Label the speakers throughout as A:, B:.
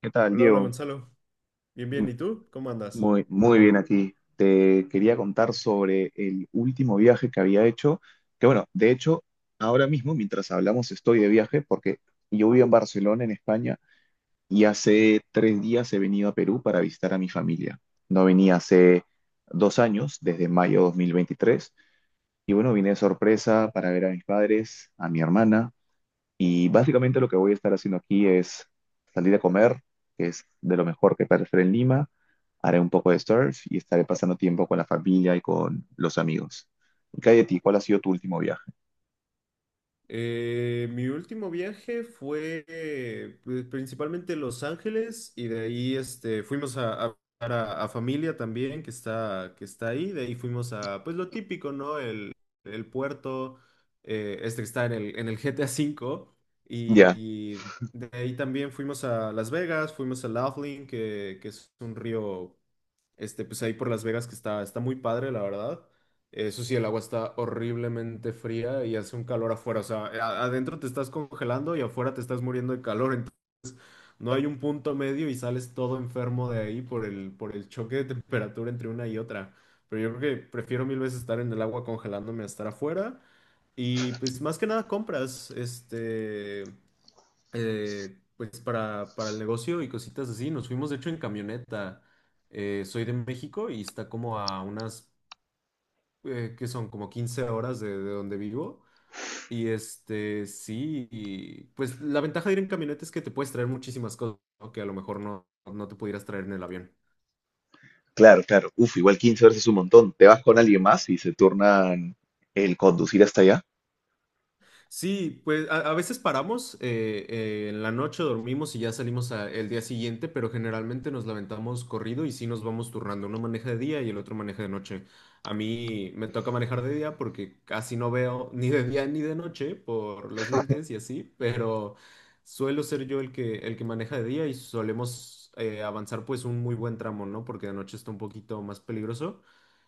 A: ¿Qué tal,
B: Hola, hola
A: Diego?
B: Gonzalo. Bien, bien.
A: M-
B: ¿Y tú? ¿Cómo andas?
A: Muy, muy bien aquí. Te quería contar sobre el último viaje que había hecho, que bueno, de hecho, ahora mismo, mientras hablamos, estoy de viaje porque yo vivo en Barcelona, en España, y hace 3 días he venido a Perú para visitar a mi familia. No venía hace 2 años, desde mayo de 2023, y bueno, vine de sorpresa para ver a mis padres, a mi hermana, y básicamente lo que voy a estar haciendo aquí es salir a comer, que es de lo mejor que puede hacer en Lima. Haré un poco de surf y estaré pasando tiempo con la familia y con los amigos. ¿Y qué ti? ¿Cuál ha sido tu último viaje?
B: Mi último viaje fue principalmente Los Ángeles, y de ahí fuimos a visitar a familia también que está ahí. De ahí fuimos a, pues, lo típico, ¿no? El puerto, este que está en el GTA V.
A: Ya,
B: Y de ahí también fuimos a Las Vegas, fuimos a Laughlin, que es un río. Pues ahí por Las Vegas que está muy padre, la verdad. Eso sí, el agua está horriblemente fría y hace un calor afuera. O sea, adentro te estás congelando y afuera te estás muriendo de calor. No hay un punto medio y sales todo enfermo de ahí por el choque de temperatura entre una y otra. Pero yo creo que prefiero mil veces estar en el agua congelándome a estar afuera. Y pues más que nada compras, pues para el negocio y cositas así. Nos fuimos de hecho en camioneta. Soy de México y está como a unas, ¿qué son? Como 15 horas de donde vivo. Y sí, pues la ventaja de ir en camioneta es que te puedes traer muchísimas cosas, ¿no? Que a lo mejor no te pudieras traer en el avión.
A: claro, claro. Uf, igual 15 horas es un montón. ¿Te vas con alguien más y se turnan el conducir hasta allá?
B: Sí, pues a veces paramos, en la noche dormimos y ya salimos el día siguiente, pero generalmente nos levantamos corrido y sí nos vamos turnando. Uno maneja de día y el otro maneja de noche. A mí me toca manejar de día porque casi no veo ni de día ni de noche por los lentes y así, pero suelo ser yo el que maneja de día y solemos avanzar pues un muy buen tramo, ¿no? Porque de noche está un poquito más peligroso.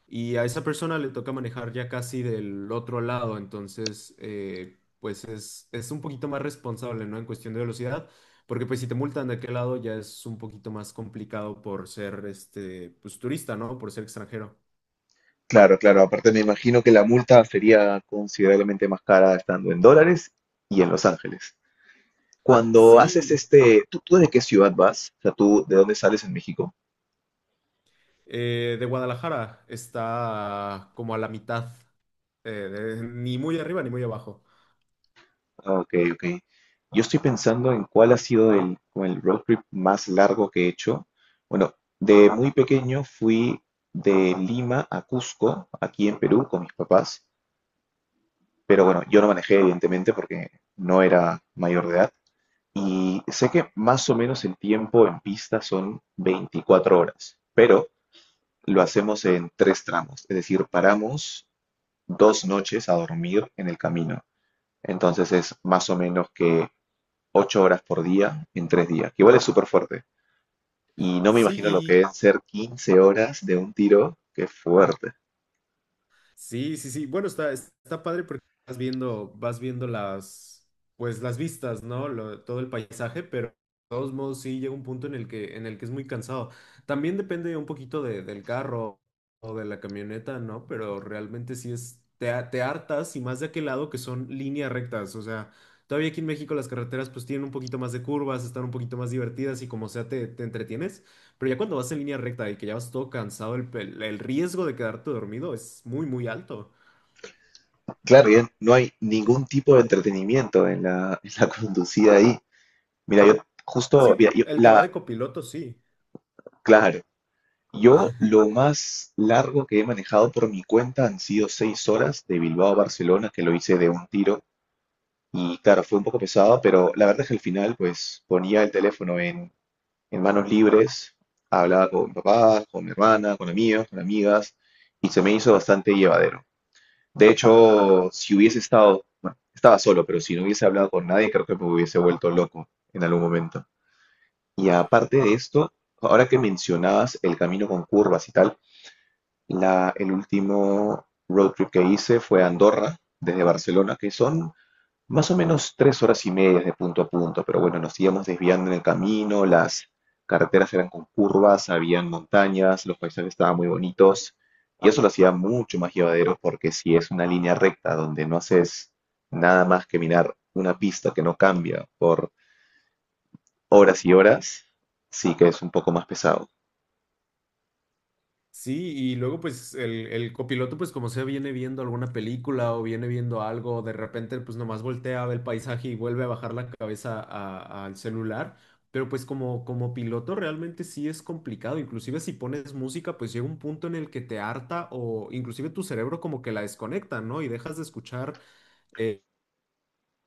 B: Y a esa persona le toca manejar ya casi del otro lado, entonces, pues es un poquito más responsable, ¿no? En cuestión de velocidad, porque pues si te multan de aquel lado ya es un poquito más complicado por ser, pues, turista, ¿no? Por ser extranjero.
A: Claro, claro. Aparte me imagino que la multa sería considerablemente más cara estando en dólares y en Los Ángeles. Cuando haces
B: Sí,
A: este, ¿tú de qué ciudad vas? O sea, ¿tú de dónde sales en México?
B: de Guadalajara está como a la mitad, ni muy arriba ni muy abajo.
A: Ah, ok, ok. Yo estoy pensando en cuál ha sido el, como el road trip más largo que he hecho. Bueno, de muy pequeño fui de Lima a Cusco, aquí en Perú, con mis papás. Pero bueno, yo no manejé, evidentemente, porque no era mayor de edad. Y sé que más o menos el tiempo en pista son 24 horas, pero lo hacemos en tres tramos. Es decir, paramos 2 noches a dormir en el camino. Entonces es más o menos que 8 horas por día en 3 días, que igual es súper fuerte. Y no me imagino lo que
B: Sí,
A: es ser 15 horas de un tiro, que es fuerte.
B: sí, sí, sí. Bueno, está padre porque vas viendo pues las vistas, ¿no? Todo el paisaje, pero de todos modos sí llega un punto en el que es muy cansado. También depende un poquito del carro o de la camioneta, ¿no? Pero realmente sí te hartas y más de aquel lado que son líneas rectas. O sea, todavía aquí en México las carreteras pues tienen un poquito más de curvas, están un poquito más divertidas y como sea te entretienes. Pero ya cuando vas en línea recta y que ya vas todo cansado, el riesgo de quedarte dormido es muy, muy alto.
A: Claro, y no hay ningún tipo de entretenimiento en la, en la conducida ahí. Mira, yo
B: Sí,
A: justo, mira,
B: el que va de copiloto, sí.
A: claro, yo lo más largo que he manejado por mi cuenta han sido 6 horas de Bilbao a Barcelona, que lo hice de un tiro. Y claro, fue un poco pesado, pero la verdad es que al final, pues ponía el teléfono en manos libres, hablaba con papás, con mi hermana, con amigos, con amigas, y se me hizo bastante llevadero. De hecho, si hubiese estado, bueno, estaba solo, pero si no hubiese hablado con nadie, creo que me hubiese vuelto loco en algún momento. Y aparte de esto, ahora que mencionabas el camino con curvas y tal, el último road trip que hice fue a Andorra, desde Barcelona, que son más o menos 3 horas y media de punto a punto, pero bueno, nos íbamos desviando en el camino, las carreteras eran con curvas, habían montañas, los paisajes estaban muy bonitos, y eso lo hacía mucho más llevadero porque si es una línea recta donde no haces nada más que mirar una pista que no cambia por horas y horas, sí que es un poco más pesado.
B: Sí, y luego pues el copiloto pues como sea viene viendo alguna película o viene viendo algo, de repente pues nomás voltea, ve el paisaje y vuelve a bajar la cabeza al celular, pero pues como piloto realmente sí es complicado, inclusive si pones música pues llega un punto en el que te harta o inclusive tu cerebro como que la desconecta, ¿no? Y dejas de escuchar eh,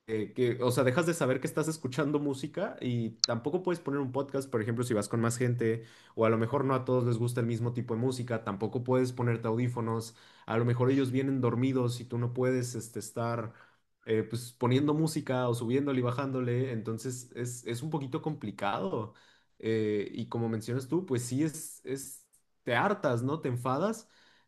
B: o sea, dejas de saber que estás escuchando música y tampoco puedes poner un podcast, por ejemplo, si vas con más gente o a lo mejor no a todos les gusta el mismo tipo de música, tampoco puedes ponerte audífonos, a lo mejor ellos vienen dormidos y tú no puedes estar pues, poniendo música o subiéndole y bajándole, entonces es un poquito complicado. Y como mencionas tú, pues sí te hartas, ¿no? Te enfadas,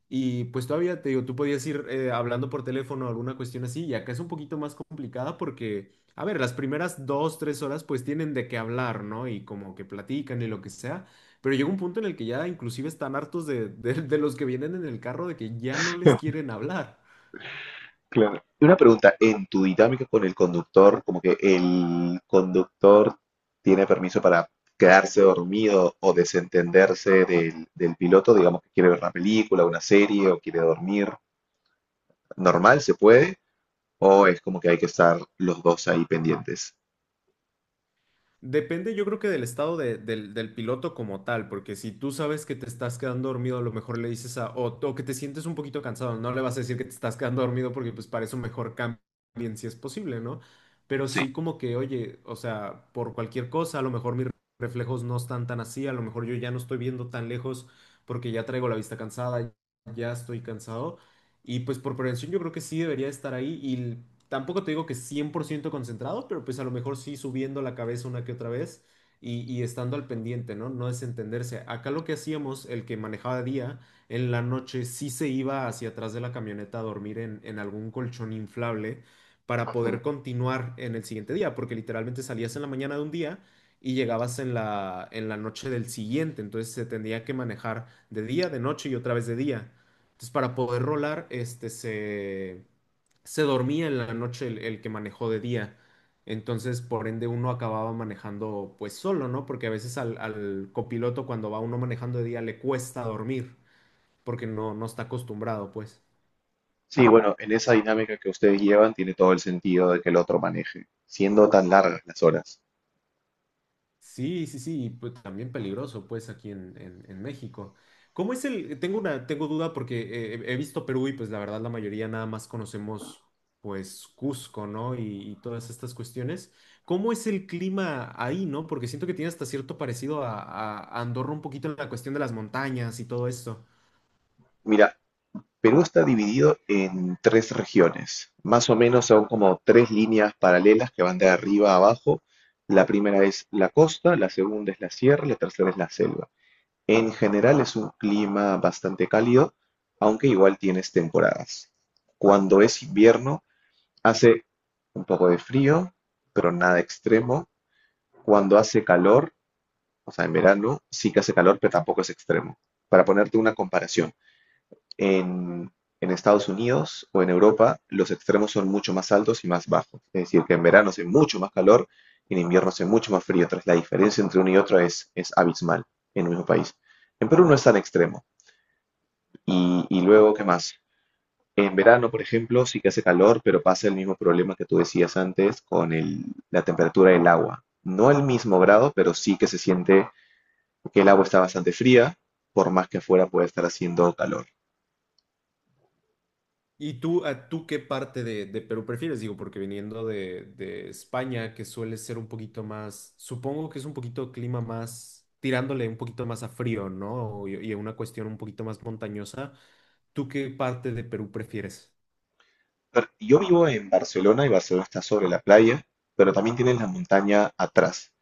B: y pues todavía te digo, tú podías ir hablando por teléfono o alguna cuestión así, y acá es un poquito más complicada porque, a ver, las primeras dos, tres horas pues tienen de qué hablar, ¿no? Y como que platican y lo que sea, pero llega un punto en el que ya inclusive están hartos de los que vienen en el carro de que ya no les quieren hablar.
A: Claro. Y una pregunta, en tu dinámica con el conductor, como que el conductor tiene permiso para quedarse dormido o desentenderse del piloto, digamos que quiere ver una película, una serie o quiere dormir, ¿normal se puede? ¿O es como que hay que estar los dos ahí pendientes?
B: Depende, yo creo que del estado del piloto como tal, porque si tú sabes que te estás quedando dormido, a lo mejor le dices o que te sientes un poquito cansado, no le vas a decir que te estás quedando dormido porque pues para eso mejor cambien si es posible, ¿no? Pero
A: Sí.
B: sí como que, oye, o sea, por cualquier cosa, a lo mejor mis reflejos no están tan así, a lo mejor yo ya no estoy viendo tan lejos porque ya traigo la vista cansada, ya estoy cansado. Y pues por prevención yo creo que sí debería estar ahí, tampoco te digo que 100% concentrado, pero pues a lo mejor sí subiendo la cabeza una que otra vez y estando al pendiente, ¿no? No desentenderse. Acá lo que hacíamos, el que manejaba de día, en la noche sí se iba hacia atrás de la camioneta a dormir en algún colchón inflable para
A: Ujú.
B: poder continuar en el siguiente día, porque literalmente salías en la mañana de un día. Y llegabas en la noche del siguiente, entonces se tendría que manejar de día, de noche y otra vez de día. Entonces, para poder rolar, se dormía en la noche el que manejó de día. Entonces, por ende, uno acababa manejando pues solo, ¿no? Porque a veces al copiloto cuando va uno manejando de día le cuesta dormir porque no está acostumbrado, pues.
A: Sí, bueno, en esa dinámica que ustedes llevan tiene todo el sentido de que el otro maneje, siendo tan largas las horas.
B: Sí, sí, sí, y pues también peligroso, pues aquí en México. ¿Cómo es el? Tengo duda porque he visto Perú y pues la verdad la mayoría nada más conocemos pues Cusco, ¿no? Y todas estas cuestiones. ¿Cómo es el clima ahí, no? Porque siento que tiene hasta cierto parecido a Andorra un poquito en la cuestión de las montañas y todo esto.
A: Mira, Perú está dividido en tres regiones, más o menos son como tres líneas paralelas que van de arriba a abajo. La primera es la costa, la segunda es la sierra, la tercera es la selva. En general es un clima bastante cálido, aunque igual tienes temporadas. Cuando es invierno hace un poco de frío, pero nada extremo. Cuando hace calor, o sea, en verano sí que hace calor, pero tampoco es extremo. Para ponerte una comparación. En, en Estados Unidos o en Europa los extremos son mucho más altos y más bajos. Es decir, que en verano hace mucho más calor y en invierno hace mucho más frío. Entonces la diferencia entre uno y otro es abismal en el mismo país. En Perú no es tan extremo. Y luego, ¿qué más? En verano, por ejemplo, sí que hace calor, pero pasa el mismo problema que tú decías antes con la temperatura del agua. No el mismo grado, pero sí que se siente que el agua está bastante fría, por más que afuera pueda estar haciendo calor.
B: ¿Y tú, a tú qué parte de Perú prefieres? Digo, porque viniendo de España, que suele ser un poquito más, supongo que es un poquito clima más, tirándole un poquito más a frío, ¿no? Y una cuestión un poquito más montañosa. ¿Tú qué parte de Perú prefieres?
A: Yo vivo en Barcelona y Barcelona está sobre la playa, pero también tienes la montaña atrás.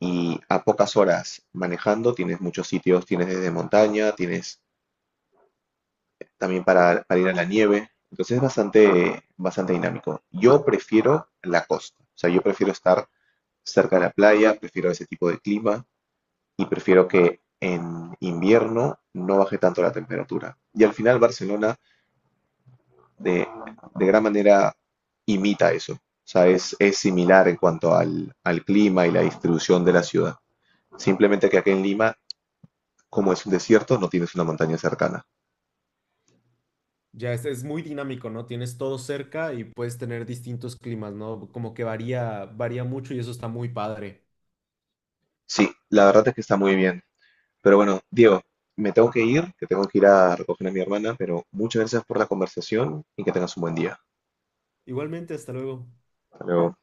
A: Y a pocas horas manejando tienes muchos sitios, tienes desde montaña, tienes también para ir a la nieve. Entonces es bastante, bastante dinámico. Yo prefiero la costa. O sea, yo prefiero estar cerca de la playa, prefiero ese tipo de clima y prefiero que en invierno no baje tanto la temperatura. Y al final Barcelona de, de gran manera imita eso. O sea, es similar en cuanto al clima y la distribución de la ciudad. Simplemente que aquí en Lima, como es un desierto, no tienes una montaña cercana.
B: Ya es muy dinámico, ¿no? Tienes todo cerca y puedes tener distintos climas, ¿no? Como que varía, varía mucho y eso está muy padre.
A: Sí, la verdad es que está muy bien. Pero bueno, Diego, me tengo que ir, que tengo que ir a recoger a mi hermana, pero muchas gracias por la conversación y que tengas un buen día.
B: Igualmente, hasta luego.
A: Hasta luego.